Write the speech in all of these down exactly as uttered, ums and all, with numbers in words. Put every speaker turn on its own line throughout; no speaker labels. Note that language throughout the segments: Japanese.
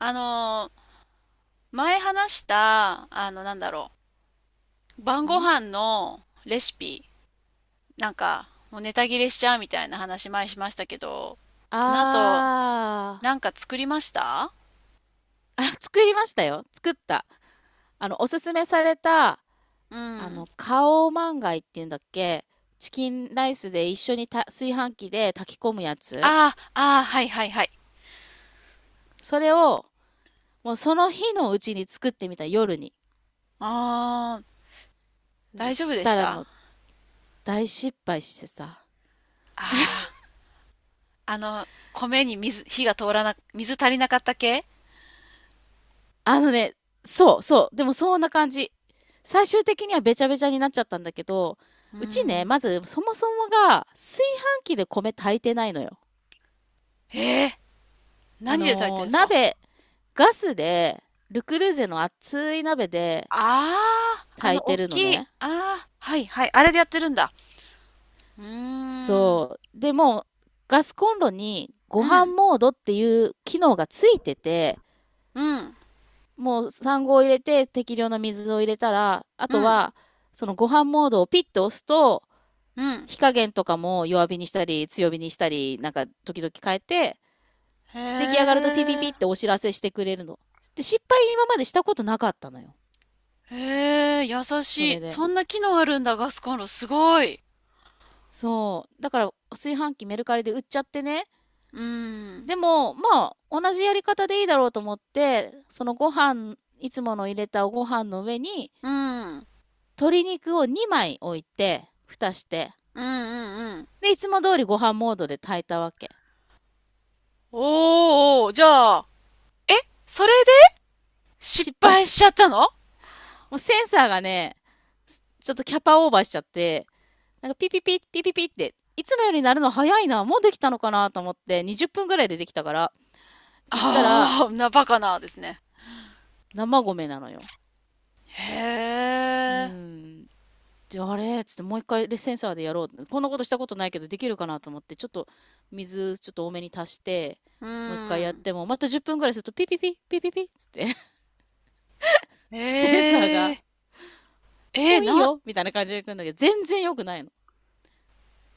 あのー、前話した、あの、なんだろう、晩ご飯
ん
のレシピ、なんか、もうネタ切れしちゃうみたいな話前しましたけど、
あ
あなた
ー
なんか作りました？
あ、作りましたよ。作った。あの、おすすめされた、
う
あ
ん。
の、カオマンガイっていうんだっけ。チキンライスで一緒にた炊飯器で炊き込むやつ、
ああ、ああ、はいはいはい。
それを、もうその日のうちに作ってみた、夜に。
ああ、大丈夫
し
で
た
し
ら
たあ？
もう大失敗してさ。
あー、あの、米に水、火が通らな、水足りなかった系？
あのね、そうそう。でもそんな感じ。最終的にはべちゃべちゃになっちゃったんだけど、
う
うちね、
ん。
まずそもそもが炊飯器で米炊いてないのよ。
ええ、
あ
何で炊いてるん
の
で
ー、
すか？
鍋、ガスで、ルクルーゼの熱い鍋で
ああー、あ
炊
の、
い
大
てるの
きい。
ね。
ああ、はいはい。あれでやってるんだ。うーん。
そう。でもガスコンロにご
うん、
飯モードっていう機能がついてて、
うん、
もう産後を入れて適量な水を入れたら、あ
う
と
ん、
は、そのご飯モードをピッと押すと、
うん。
火加減とかも弱火にしたり、強火にしたり、なんか時々変えて、
へ
出来上がるとピピピ
え、
ってお知らせしてくれるの。で、失敗今までしたことなかったのよ。
へえ、優
そ
しい。
れで。
そんな機能あるんだ、ガスコンロ。すごい。
そう。だから、炊飯器メルカリで売っちゃってね。
うん、
でも、まあ、同じやり方でいいだろうと思って、そのご飯、いつもの入れたご飯の上に、
うん、うん、
鶏肉をにまい置いて、蓋して。
うん、うん。
で、いつも通りご飯モードで炊いたわけ。
おー、じゃあ、え、それで失
失敗
敗
し
し
た。
ちゃったの？
もうセンサーがね、ちょっとキャパオーバーしちゃって、なんかピピピ、ピピピって、いつもよりなるの早いな、もうできたのかなと思って、にじゅっぷんぐらいでできたから、行ったら、
ああー、な、バカなですね。
生米なのよ。
へ
うー
え、
ん。であ、れちょっともう一回でセンサーでやろう。こんなことしたことないけど、できるかなと思って、ちょっと水ちょっと多めに足して、
う
もう一回やっ
ん。
ても、またじゅっぷんぐらいすると、ピピピ、ピピピっつって、
へ
センサーが、
え、
も
え、
ういい
な、ん。
よみたいな感じで来るんだけど、全然良くないの。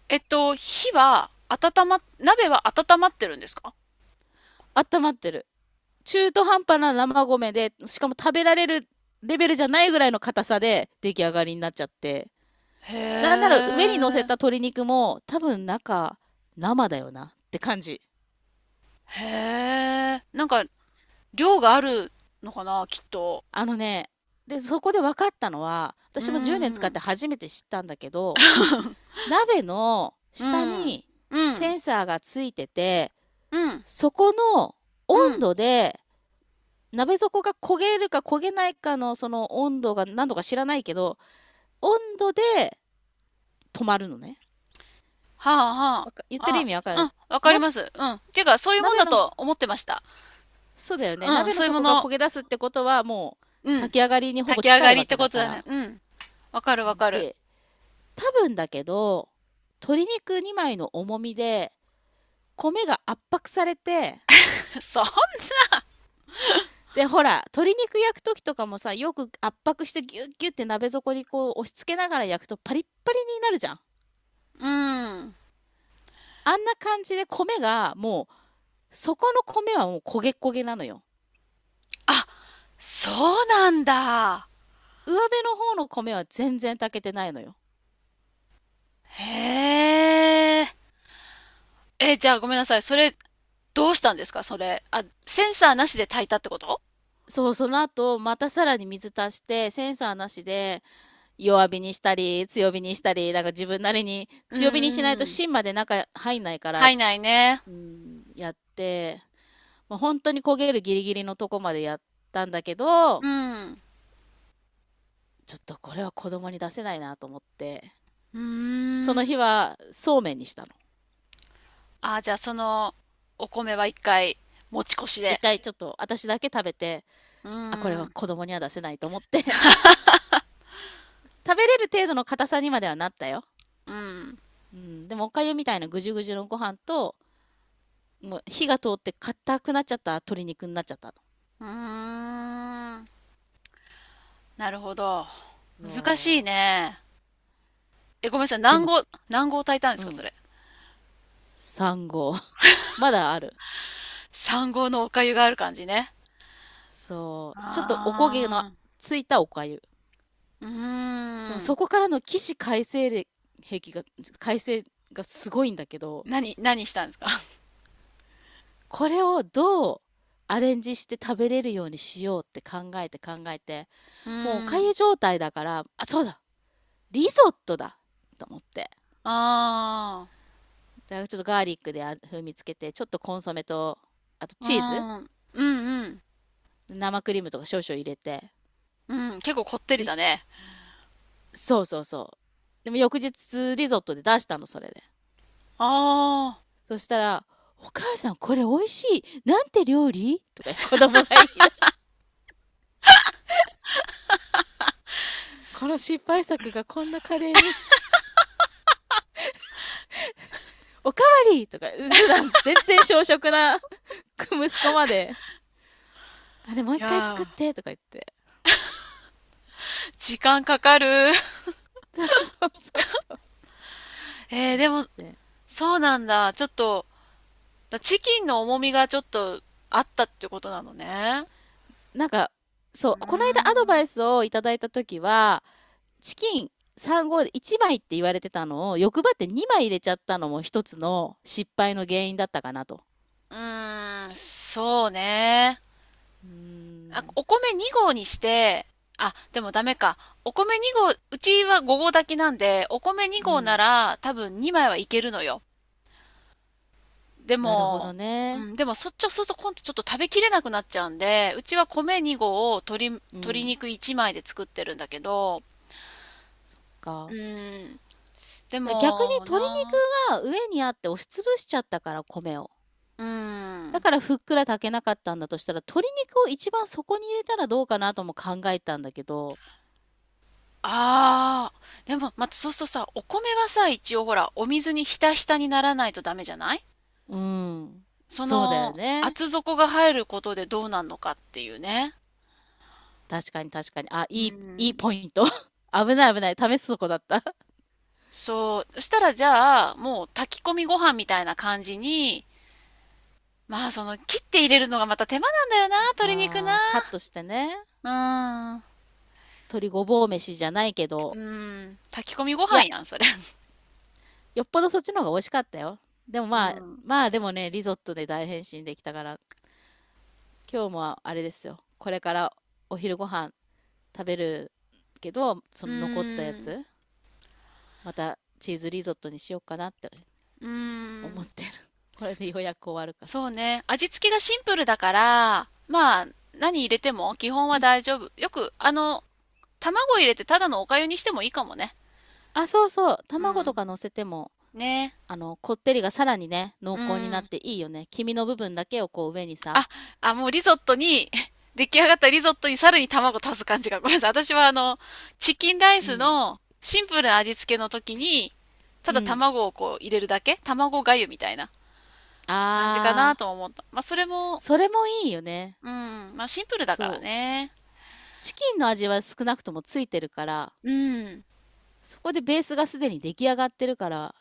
えっと、火は温ま、鍋は温まってるんですか？
温まってる。中途半端な生米で、しかも食べられるレベルじゃないぐらいの硬さで出来上がりになっちゃって。なんな
へ
ら上に乗せた
え。
鶏肉も、多分中、生だよなって感じ。
へえ、なんか、量があるのかな、きっと。
あのね、で、そこで分かったのは、
うー
私もじゅうねん使っ
ん。
て初めて知ったんだけど、鍋の
う
下
ん。
に
うん。
センサーがついてて、
うん。
そこの温
うん。
度で、鍋底が焦げるか焦げないかのその温度が何度か知らないけど、温度で止まるのね。
はあは
わか言ってる
あ。
意味わか
あ、うん。
る？
わかり
な、
ます。うん。ていうか、そういうもん
鍋
だ
の、
と思ってました。
そうだよね。
うん。
鍋の
そういうも
底が
の。
焦げ出すってことはもう
うん。
炊き上がりにほぼ
炊き上
近
が
い
り
わ
って
けだ
こと
か
だね。
ら。
うん。わかるわかる。
で、多分だけど、鶏肉にまいの重みで、米が圧迫されて、
そう、
で、ほら、鶏肉焼くときとかもさ、よく圧迫してギュッギュッて鍋底にこう押し付けながら焼くとパリッパリになるじゃん。
うん。
あんな感じで米がもう、そこの米はもう焦げ焦げなのよ。
あ、そうなんだ。
上辺の方の米は全然炊けてないのよ。
へえ。え、じゃあごめんなさい。それ、どうしたんですかそれ？あ、センサーなしで炊いたってこと？
そう、その後、またさらに水足して、センサーなしで、弱火にしたり、強火にしたり、なんか自分なりに、
うん
強火にしない
うん
と
うん。
芯まで中入んないから、
入んないね。
うん、やって、もう本当に焦げるギリギリのとこまでやったんだけど、
うん。
ちょっとこれは子供に出せないなと思って、
う
そ
ーん。
の日はそうめんにしたの。
あ、じゃあそのお米は一回持ち越し
一
で。
回ちょっと私だけ食べて、
う
あ、これ
ー
は
ん。
子供には出せないと思って 食べれる程度の硬さにまではなったよ。
うん。
うん、でもおかゆみたいなぐじゅぐじゅのご飯と、もう火が通って硬くなっちゃった鶏肉になっちゃった
うーん。なるほど。
の。
難しい
もう
ね。え、ごめんなさい。
で
何
も、
合、何合炊いたんで
う
すか、そ
ん、
れ？
さんごう合 まだある。
さんごう合のお粥がある感じね。
そう、ちょっとおこげの
あ
ついたお粥。
あ。うー
でも
ん。
そこからの起死回生で、兵器が回生がすごいんだけど、
何、何したんですか？
これをどうアレンジして食べれるようにしようって考えて考えて、
う
もうおか
ー
ゆ
ん。
状態だから、あ、そうだ、リゾットだと思って、
ああ。
だからちょっとガーリックで風味つけて、ちょっとコンソメと、あと
う
チーズ、
ん。うんうん。
生クリームとか少々入れて、
うん。結構こってり
い
だね。
そうそうそう、でも翌日リゾットで出したの、それで、
ああ。
そしたら、お母さんこれ美味しい。なんて料理とか子供が言い出した。この失敗作がこんなカレーに、おかわりとか、普段全然小食な息子まで、あれもう
い
一回作
や
っ
ー。
てとか言って。
時間かかる。
そうそうそう。
えー、でも、
で、
そうなんだ。ちょっと、だチキンの重みがちょっとあったってことなのね。
なんか、
う
そ
ー
う、この間アドバ
ん。
イスをいただいた時は、チキンさん号でいちまいって言われてたのを欲張ってにまい入れちゃったのも一つの失敗の原因だったかなと。
うーん、そうね。
うー
あ、
ん、
お米にごう合にして、あ、でもダメか。お米にごう合、うちはごごう合炊きなんで、お米
う
にごう合な
ん、
ら多分にまいはいけるのよ。で
なるほ
も、
ど
う
ね。
ん、でもそっちをそうすると今度ちょっと食べきれなくなっちゃうんで、うちは米にごう合を鶏、
う
鶏
ん、
肉いちまいで作ってるんだけど、
そっ
う
か。
ん、で
だ逆に
も
鶏
な、
肉が上にあって押しつぶしちゃったから米を。
うー
だ
ん。
からふっくら炊けなかったんだとしたら、鶏肉を一番底に入れたらどうかなとも考えたんだけど、
ああ、でも、またそうするとさ、お米はさ、一応ほら、お水にひたひたにならないとダメじゃない？
うん。
そ
そうだよ
の、
ね。
厚底が入ることでどうなんのかっていうね。
確かに確かに。あ、
う
いい、いい
ん。
ポイント。危ない危ない。試すとこだった。
そう。そしたらじゃあ、もう炊き込みご飯みたいな感じに、まあその、切って入れるのがまた手間なんだよな、鶏肉な。
あー、カットしてね。
うーん。う
鶏ごぼう飯じゃないけど。
ーん。炊き込みご
い
飯
や、
やん、それ。
よっぽどそっちの方が美味しかったよ。でも
う
まあ、
ん。
まあでもね、リゾットで大変身できたから、今日もあれですよ。これからお昼ご飯食べるけど、そ
う
の残ったや
ーん。
つ、またチーズリゾットにしようかなって
うー
思っ
ん。
てる。これでようやく終わるから。
そうね。味付けがシンプルだから、まあ、何入れても基本は大丈夫。よく、あの、卵入れてただのお粥にしてもいいかもね。
あ、そうそう。
う
卵と
ん。
か乗せても、
ね。
あの、こってりがさらにね、
う
濃厚になっ
ん。
ていいよね。黄身の部分だけをこう上にさ。
あ、あ、もうリゾットに、出来上がったリゾットにさらに卵足す感じが。ごめんなさい。私はあの、チキンライ
う
ス
ん。
のシンプルな味付けの時に、た
う
だ
ん。
卵をこう入れるだけ卵粥みたいな感じかな
あー。
とも思った。まあ、それも、
それもいいよね。
うん。まあ、シンプルだから
そう。
ね。
チキンの味は少なくともついてるから、
うん。
そこでベースがすでに出来上がってるから、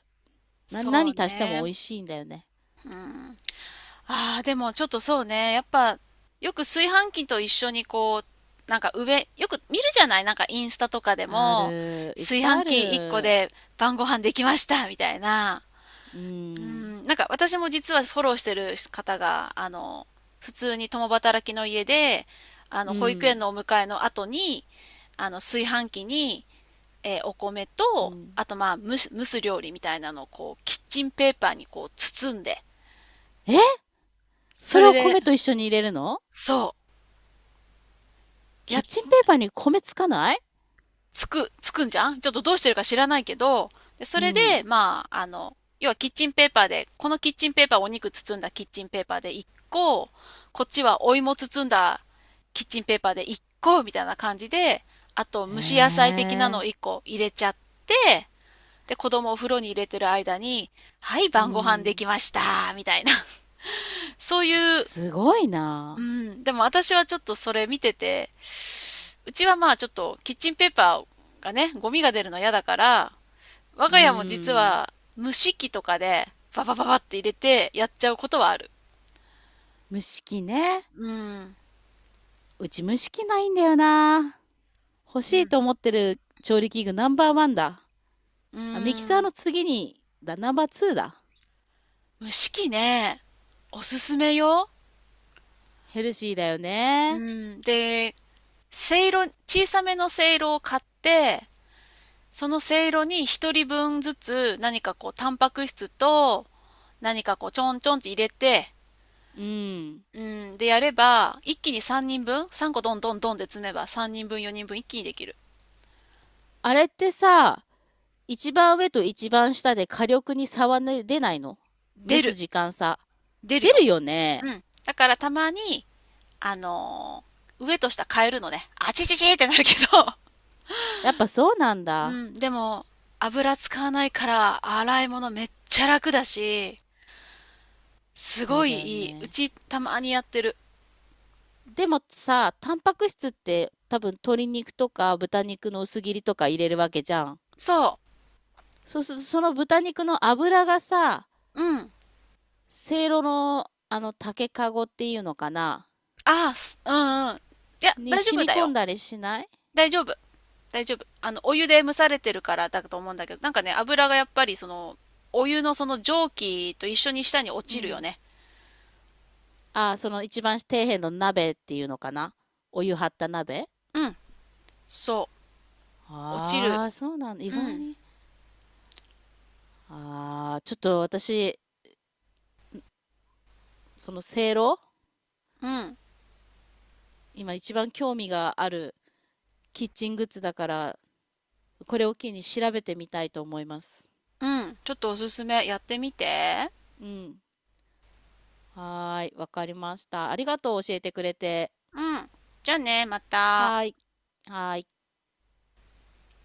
な
そ
何
う
足しても美
ね。
味しいんだよね。
うん。ああ、でもちょっとそうね。やっぱ、よく炊飯器と一緒にこう、なんか上、よく見るじゃない？なんかインスタとかで
あ
も、
る、いっ
炊
ぱい
飯
あ
器いっこ
る。
で晩ご飯できましたみたいな。
う
う
ん、
ん、なんか私も実はフォローしてる方が、あの、普通に共働きの家で、あ
う
の、保育園
ん、
のお迎えの後に、あの、炊飯器に、えーお米
う
と、
ん。
あとまあ、蒸す、蒸す料理みたいなのをこう、キッチンペーパーにこう、包んで、
え、そ
そ
れ
れ
を
で、
米と一緒に入れるの？
そう、
キ
や
ッチンペーパーに米つかない？
つく、つくんじゃん？ちょっとどうしてるか知らないけど、でそ
う
れで、
ん。
まあ、あの、要はキッチンペーパーで、このキッチンペーパーをお肉包んだキッチンペーパーでいっこ、こっちはお芋包んだキッチンペーパーでいっこみたいな感じで、あと
へ
蒸し野菜的なのを
え。
いっこ入れちゃって、で、子供をお風呂に入れてる間に、はい、
う
晩ご飯で
ん。
きましたみたいな。そういう、
すごい
う
な。
ん、でも私はちょっとそれ見てて、うちはまあちょっとキッチンペーパーがね、ゴミが出るの嫌だから、我
う
が家も実
ん。
は蒸し器とかでババババって入れてやっちゃうことはある。
蒸し器ね。
うん。
うち蒸し器ないんだよな。欲し
う
い
ん。
と思ってる調理器具ナンバーワンだ。
う
あ、ミキサ
ー
ー
ん。
の次に、だ、ナンバーツーだ。
蒸し器ね、おすすめよ。
ヘルシーだよ
う
ね。
ん。で、せいろ、小さめのせいろを買って、そのせいろに一人分ずつ何かこうタンパク質と何かこうちょんちょんって入れて、
うん。
うん。でやれば、一気にさんにんぶん ?さん 個どんどんどんで詰めばさんにんぶんよにんぶん一気にできる。
あれってさ、一番上と一番下で火力に差はね出ないの？蒸
出
す
る。
時間差。
出る
出
よ。
るよ
う
ね。
ん。だからたまにあのー上と下変えるのね。あちちちってなるけど
やっぱそうなん
う
だ。
ん、でも、油使わないから、洗い物めっちゃ楽だし、す
そ
ご
うだよ
いいい。う
ね。
ち、たまにやってる。
でもさ、タンパク質って多分鶏肉とか豚肉の薄切りとか入れるわけじゃん。
そ
そうするとその豚肉の脂がさ、
う。うん。
せいろのあの竹かごっていうのかな、
ああ、すうんうん。いや、
に
大丈
染
夫
み
だ
込
よ。
んだりしない？
大丈夫。大丈夫。あの、お湯で蒸されてるからだと思うんだけど、なんかね、油がやっぱりその、お湯のその蒸気と一緒に下に落
う
ちるよ
ん。
ね。
あ、その一番底辺の鍋っていうのかな、お湯張った鍋。
うん。そう。落ちる。
ああ、そうなんだ。意
う
外
ん。
に。ああ、ちょっと私、そのせいろ、
うん。
今一番興味があるキッチングッズだから、これを機に調べてみたいと思います。
うん。ちょっとおすすめ。やってみて。
うん。はーい、わかりました。ありがとう、教えてくれて。
うん。じゃあね、また。
はーい、はーい。